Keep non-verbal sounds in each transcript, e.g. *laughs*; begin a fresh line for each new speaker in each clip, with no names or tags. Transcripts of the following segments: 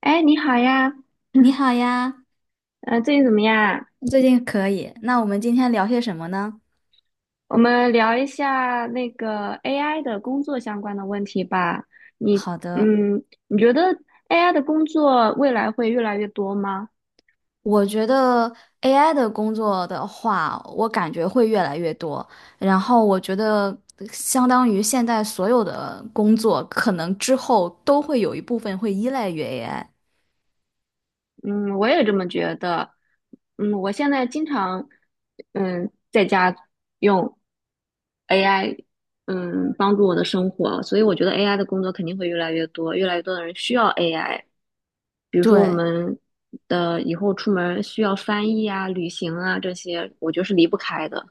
哎，你好呀，
你好呀，
最近怎么样？
最近可以。那我们今天聊些什么呢？
我们聊一下那个 AI 的工作相关的问题吧。你，
好的。
嗯，你觉得 AI 的工作未来会越来越多吗？
我觉得 AI 的工作的话，我感觉会越来越多。然后我觉得，相当于现在所有的工作，可能之后都会有一部分会依赖于 AI。
嗯，我也这么觉得。我现在经常，在家用 AI，帮助我的生活，所以我觉得 AI 的工作肯定会越来越多，越来越多的人需要 AI。比如说我
对，
们的以后出门需要翻译啊、旅行啊这些，我觉得是离不开的。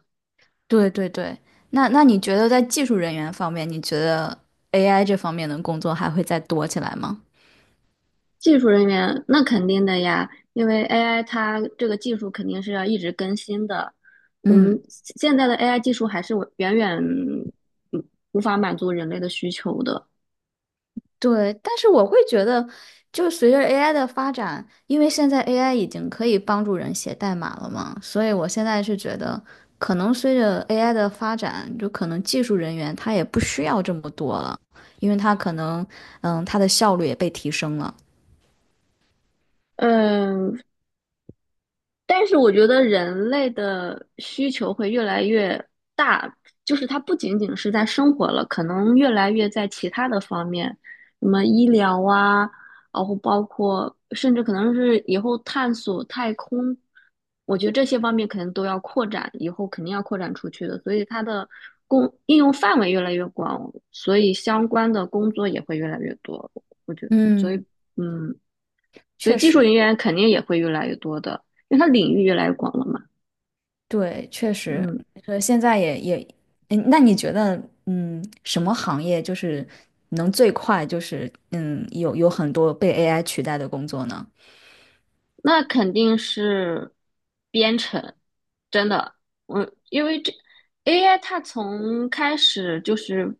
对，对，对。那你觉得在技术人员方面，你觉得 AI 这方面的工作还会再多起来吗？
技术人员那肯定的呀，因为 AI 它这个技术肯定是要一直更新的。我们
嗯，
现在的 AI 技术还是远远无法满足人类的需求的。
对，但是我会觉得，就随着 AI 的发展，因为现在 AI 已经可以帮助人写代码了嘛，所以我现在是觉得，可能随着 AI 的发展，就可能技术人员他也不需要这么多了，因为他可能，他的效率也被提升了。
嗯，但是我觉得人类的需求会越来越大，就是它不仅仅是在生活了，可能越来越在其他的方面，什么医疗啊，然后包括甚至可能是以后探索太空，我觉得这些方面可能都要扩展，以后肯定要扩展出去的，所以它的应用范围越来越广，所以相关的工作也会越来越多，我觉得，
嗯，
嗯。所以
确
技术
实。
人员肯定也会越来越多的，因为它领域越来越广了嘛。
对，确实。
嗯，
呃，现在也也，嗯，那你觉得，什么行业就是能最快就是，有很多被 AI 取代的工作呢？
那肯定是编程，真的，我因为这 AI 它从开始就是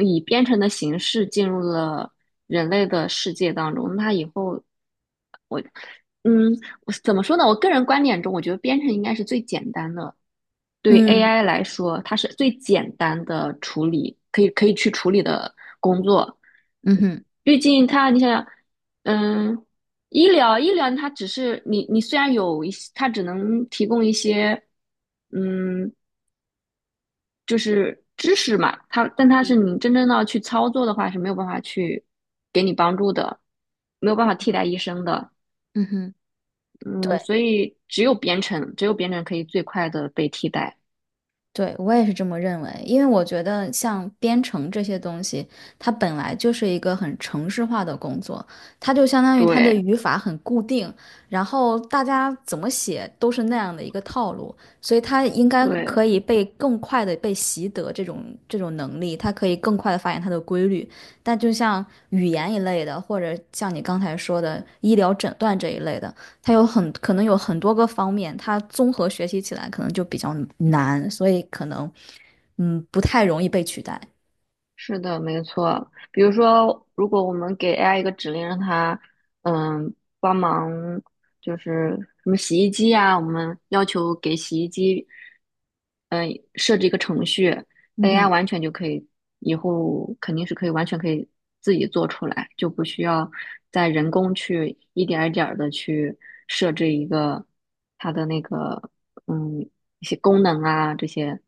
以编程的形式进入了人类的世界当中，那它以后，嗯，我怎么说呢？我个人观点中，我觉得编程应该是最简单的对
嗯。
AI 来说，它是最简单的处理，可以去处理的工作。
嗯哼。
毕竟它，你想想，嗯，医疗它只是你虽然有一些，它只能提供一些，嗯，就是知识嘛，它但它是你真正要去操作的话是没有办法去给你帮助的，没有办法替代医生的。
嗯哼。
嗯，
对
所以只有编程，只有编程可以最快的被替代。
对，我也是这么认为，因为我觉得像编程这些东西，它本来就是一个很程式化的工作，它就相当于它的
对
语法很固定，然后大家怎么写都是那样的一个套路，所以它应该可
对。
以被更快的被习得这种能力，它可以更快的发现它的规律。但就像语言一类的，或者像你刚才说的医疗诊断这一类的。它有很可能有很多个方面，它综合学习起来可能就比较难，所以可能不太容易被取代。
是的，没错。比如说，如果我们给 AI 一个指令，让它嗯帮忙，就是什么洗衣机呀、我们要求给洗衣机嗯设置一个程序
嗯
，AI
哼。
完全就可以，以后肯定是可以完全可以自己做出来，就不需要再人工去一点儿一点儿的去设置一个它的那个嗯一些功能啊，这些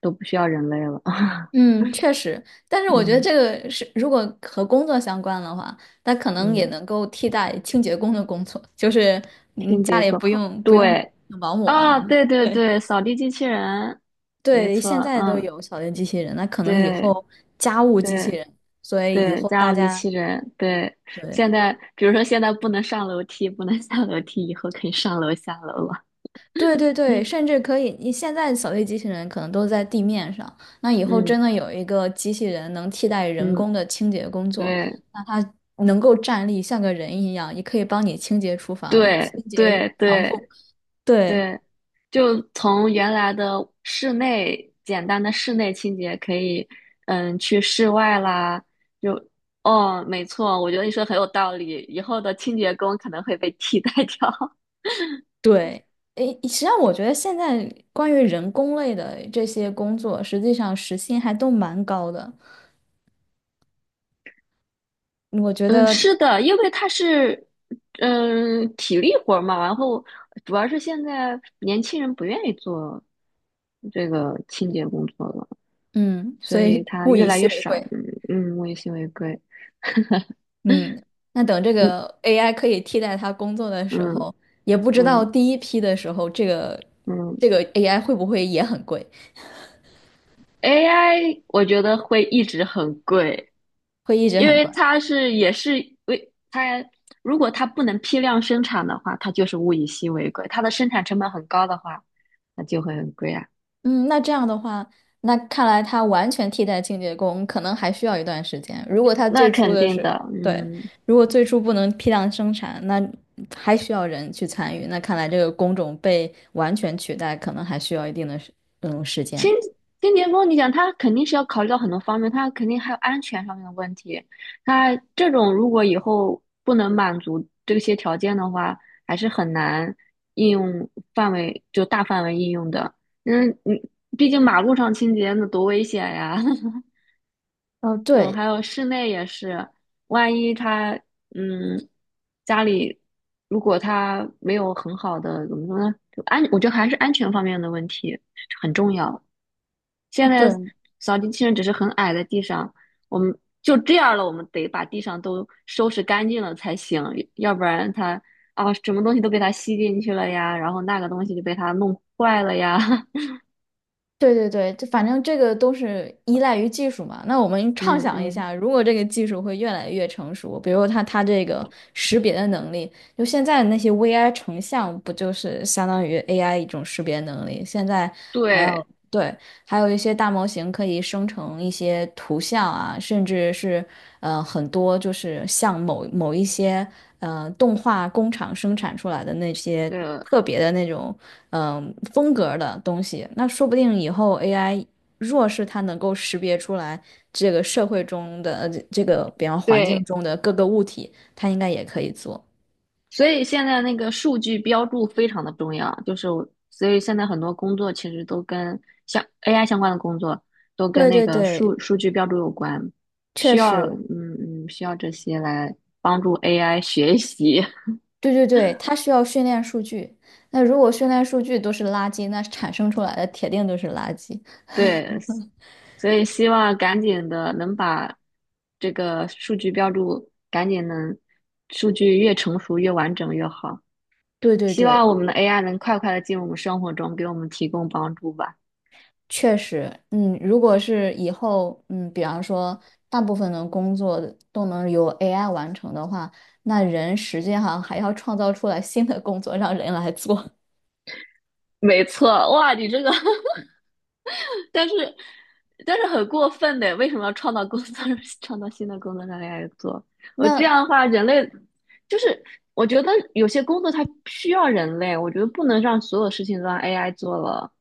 都不需要人类了。*laughs*
嗯，确实，但是我觉得
嗯
这个是如果和工作相关的话，那可能也
嗯。
能够替代清洁工的工作，就是
清
家
洁
里
工，
不用
对
保姆了。
啊，对对
对
对，扫地机器人，没
对，现
错，
在都
嗯，
有扫地机器人，那可能以
对
后家务机器
对
人，所以以
对，
后
家
大
务机
家
器人，对，
对。
现在比如说现在不能上楼梯，不能下楼梯，以后可以上楼下楼了，
对对
*laughs*
对，
嗯
甚至可以，你现在扫地机器人可能都在地面上，那以后
嗯
真的有一个机器人能替代人
嗯，
工的清洁工作，
对
那它能够站立像个人一样，也可以帮你清洁厨房、
对
清洁
对
床
对
铺。对
对，就从原来的室内简单的室内清洁，可以去室外啦。就哦，没错，我觉得你说得很有道理。以后的清洁工可能会被替代掉。*laughs*
对，诶，实际上我觉得现在关于人工类的这些工作，实际上时薪还都蛮高的，我觉
嗯，
得，
是的，因为它是体力活儿嘛，然后主要是现在年轻人不愿意做这个清洁工作了，
嗯，
所
所
以
以
它
物
越
以
来
稀
越
为
少。
贵。
嗯嗯，物以稀为贵。
嗯，那等这
嗯
个 AI 可以替代他工作的时
嗯
候，也不知道
嗯
第一批的时候，这个
嗯。
这个 AI 会不会也很贵，
AI 我觉得会一直很贵，
会一直
因
很
为
贵。
它是也是为它，如果它不能批量生产的话，它就是物以稀为贵。它的生产成本很高的话，那就会很贵啊。
嗯，那这样的话，那看来它完全替代清洁工可能还需要一段时间。如果它
那
最初
肯
的
定
时候，
的，
对，如果最初不能批量生产，那还需要人去参与。那看来这个工种被完全取代，可能还需要一定的时
新
间。
新洁峰，你想他肯定是要考虑到很多方面，他肯定还有安全上面的问题。他这种如果以后不能满足这些条件的话，还是很难应用范围就大范围应用的。你毕竟马路上清洁那多危险呀！*laughs*
哦，
嗯，
对。
还有室内也是，万一他嗯家里如果他没有很好的怎么说呢，我觉得还是安全方面的问题很重要。现
嗯，
在
对。
扫地机器人只是很矮的地上，我们就这样了，我们得把地上都收拾干净了才行，要不然它啊什么东西都被它吸进去了呀，然后那个东西就被它弄坏了呀，*laughs*
对对对，就反正这个都是依赖于技术嘛。那我们畅
嗯
想一
嗯，
下，如果这个技术会越来越成熟，比如它这个识别的能力，就现在的那些 VI 成像不就是相当于 AI 一种识别能力？现在还
对
要，对，还有一些大模型可以生成一些图像啊，甚至是很多就是像某某一些动画工厂生产出来的那些
对
特别的那种风格的东西。那说不定以后 AI 若是它能够识别出来这个社会中的这个比方环境
对。
中的各个物体，它应该也可以做。
所以现在那个数据标注非常的重要，就是我所以现在很多工作其实都跟像 AI 相关的工作都跟
对
那
对
个
对，
数据标注有关，
确实。
需要这些来帮助 AI 学习，
对对对，它需要训练数据。那如果训练数据都是垃圾，那产生出来的铁定都是垃圾。
*laughs* 对，所以希望赶紧的能把这个数据标注赶紧能数据越成熟越完整越好，
对对
希
对，
望我们的 AI 能快快的进入我们生活中，给我们提供帮助吧。
确实，嗯，如果是以后，比方说大部分的工作都能由 AI 完成的话，那人实际上还要创造出来新的工作让人来做。
没错，哇，你这个，*laughs* 但是但是很过分的，为什么要创造工作，*laughs* 创造新的工作让 AI 做？
*laughs*
我这
那
样的话，人类就是我觉得有些工作它需要人类，我觉得不能让所有事情都让 AI 做了，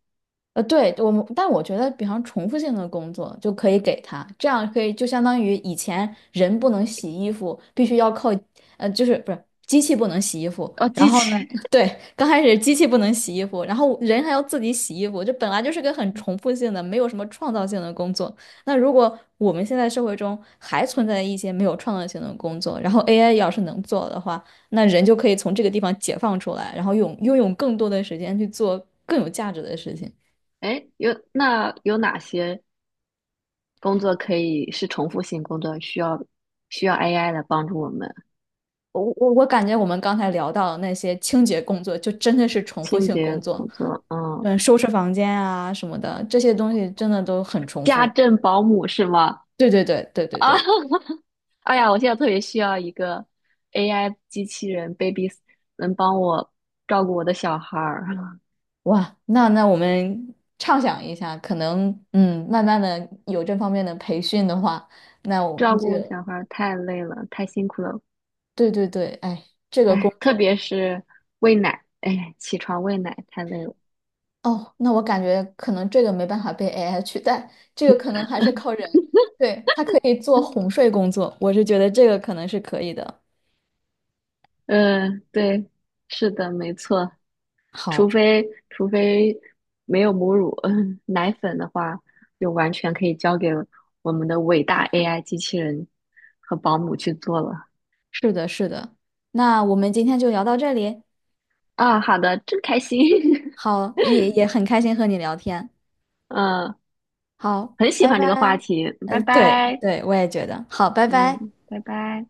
对，我们，但我觉得，比方重复性的工作就可以给他，这样可以就相当于以前人不能洗衣服，必须要靠，就是不是机器不能洗衣服，
哦，
然
机
后呢，
器。
*laughs* 对，刚开始机器不能洗衣服，然后人还要自己洗衣服，这本来就是个很重复性的，没有什么创造性的工作。那如果我们现在社会中还存在一些没有创造性的工作，然后 AI 要是能做的话，那人就可以从这个地方解放出来，然后用拥有更多的时间去做更有价值的事情。
*laughs* 哎，有哪些工作可以是重复性工作，需要AI 来帮助我们？
我感觉我们刚才聊到的那些清洁工作，就真的是重复
清
性工
洁
作，
工作，
嗯，收拾房间啊什么的，这些东西真的都很重
家
复。
政保姆是吗？
对对对对对
啊，
对。
*laughs* 哎呀，我现在特别需要一个 AI 机器人 baby，能帮我照顾我的小孩儿。*laughs*
哇，那我们畅想一下，可能嗯，慢慢的有这方面的培训的话，那我
照
们这
顾
个
小孩儿太累了，太辛苦了。
对对对，哎，这个工
哎，特
种
别是喂奶，哎，起床喂奶太累了。
哦，那我感觉可能这个没办法被 AI 取代，这个可能还是靠
*laughs*
人，对，它可以做哄睡工作，我是觉得这个可能是可以的。
对，是的，没错。除
好。
非除非没有母乳，*laughs* 奶粉的话，就完全可以交给我们的伟大 AI 机器人和保姆去做了。
是的，是的。那我们今天就聊到这里。
啊，好的，真开心。
好，也很开心和你聊天。
*laughs* 嗯。
好，
很喜
拜
欢这个话
拜。
题。拜
对
拜，
对，我也觉得。好，拜拜。
嗯，拜拜。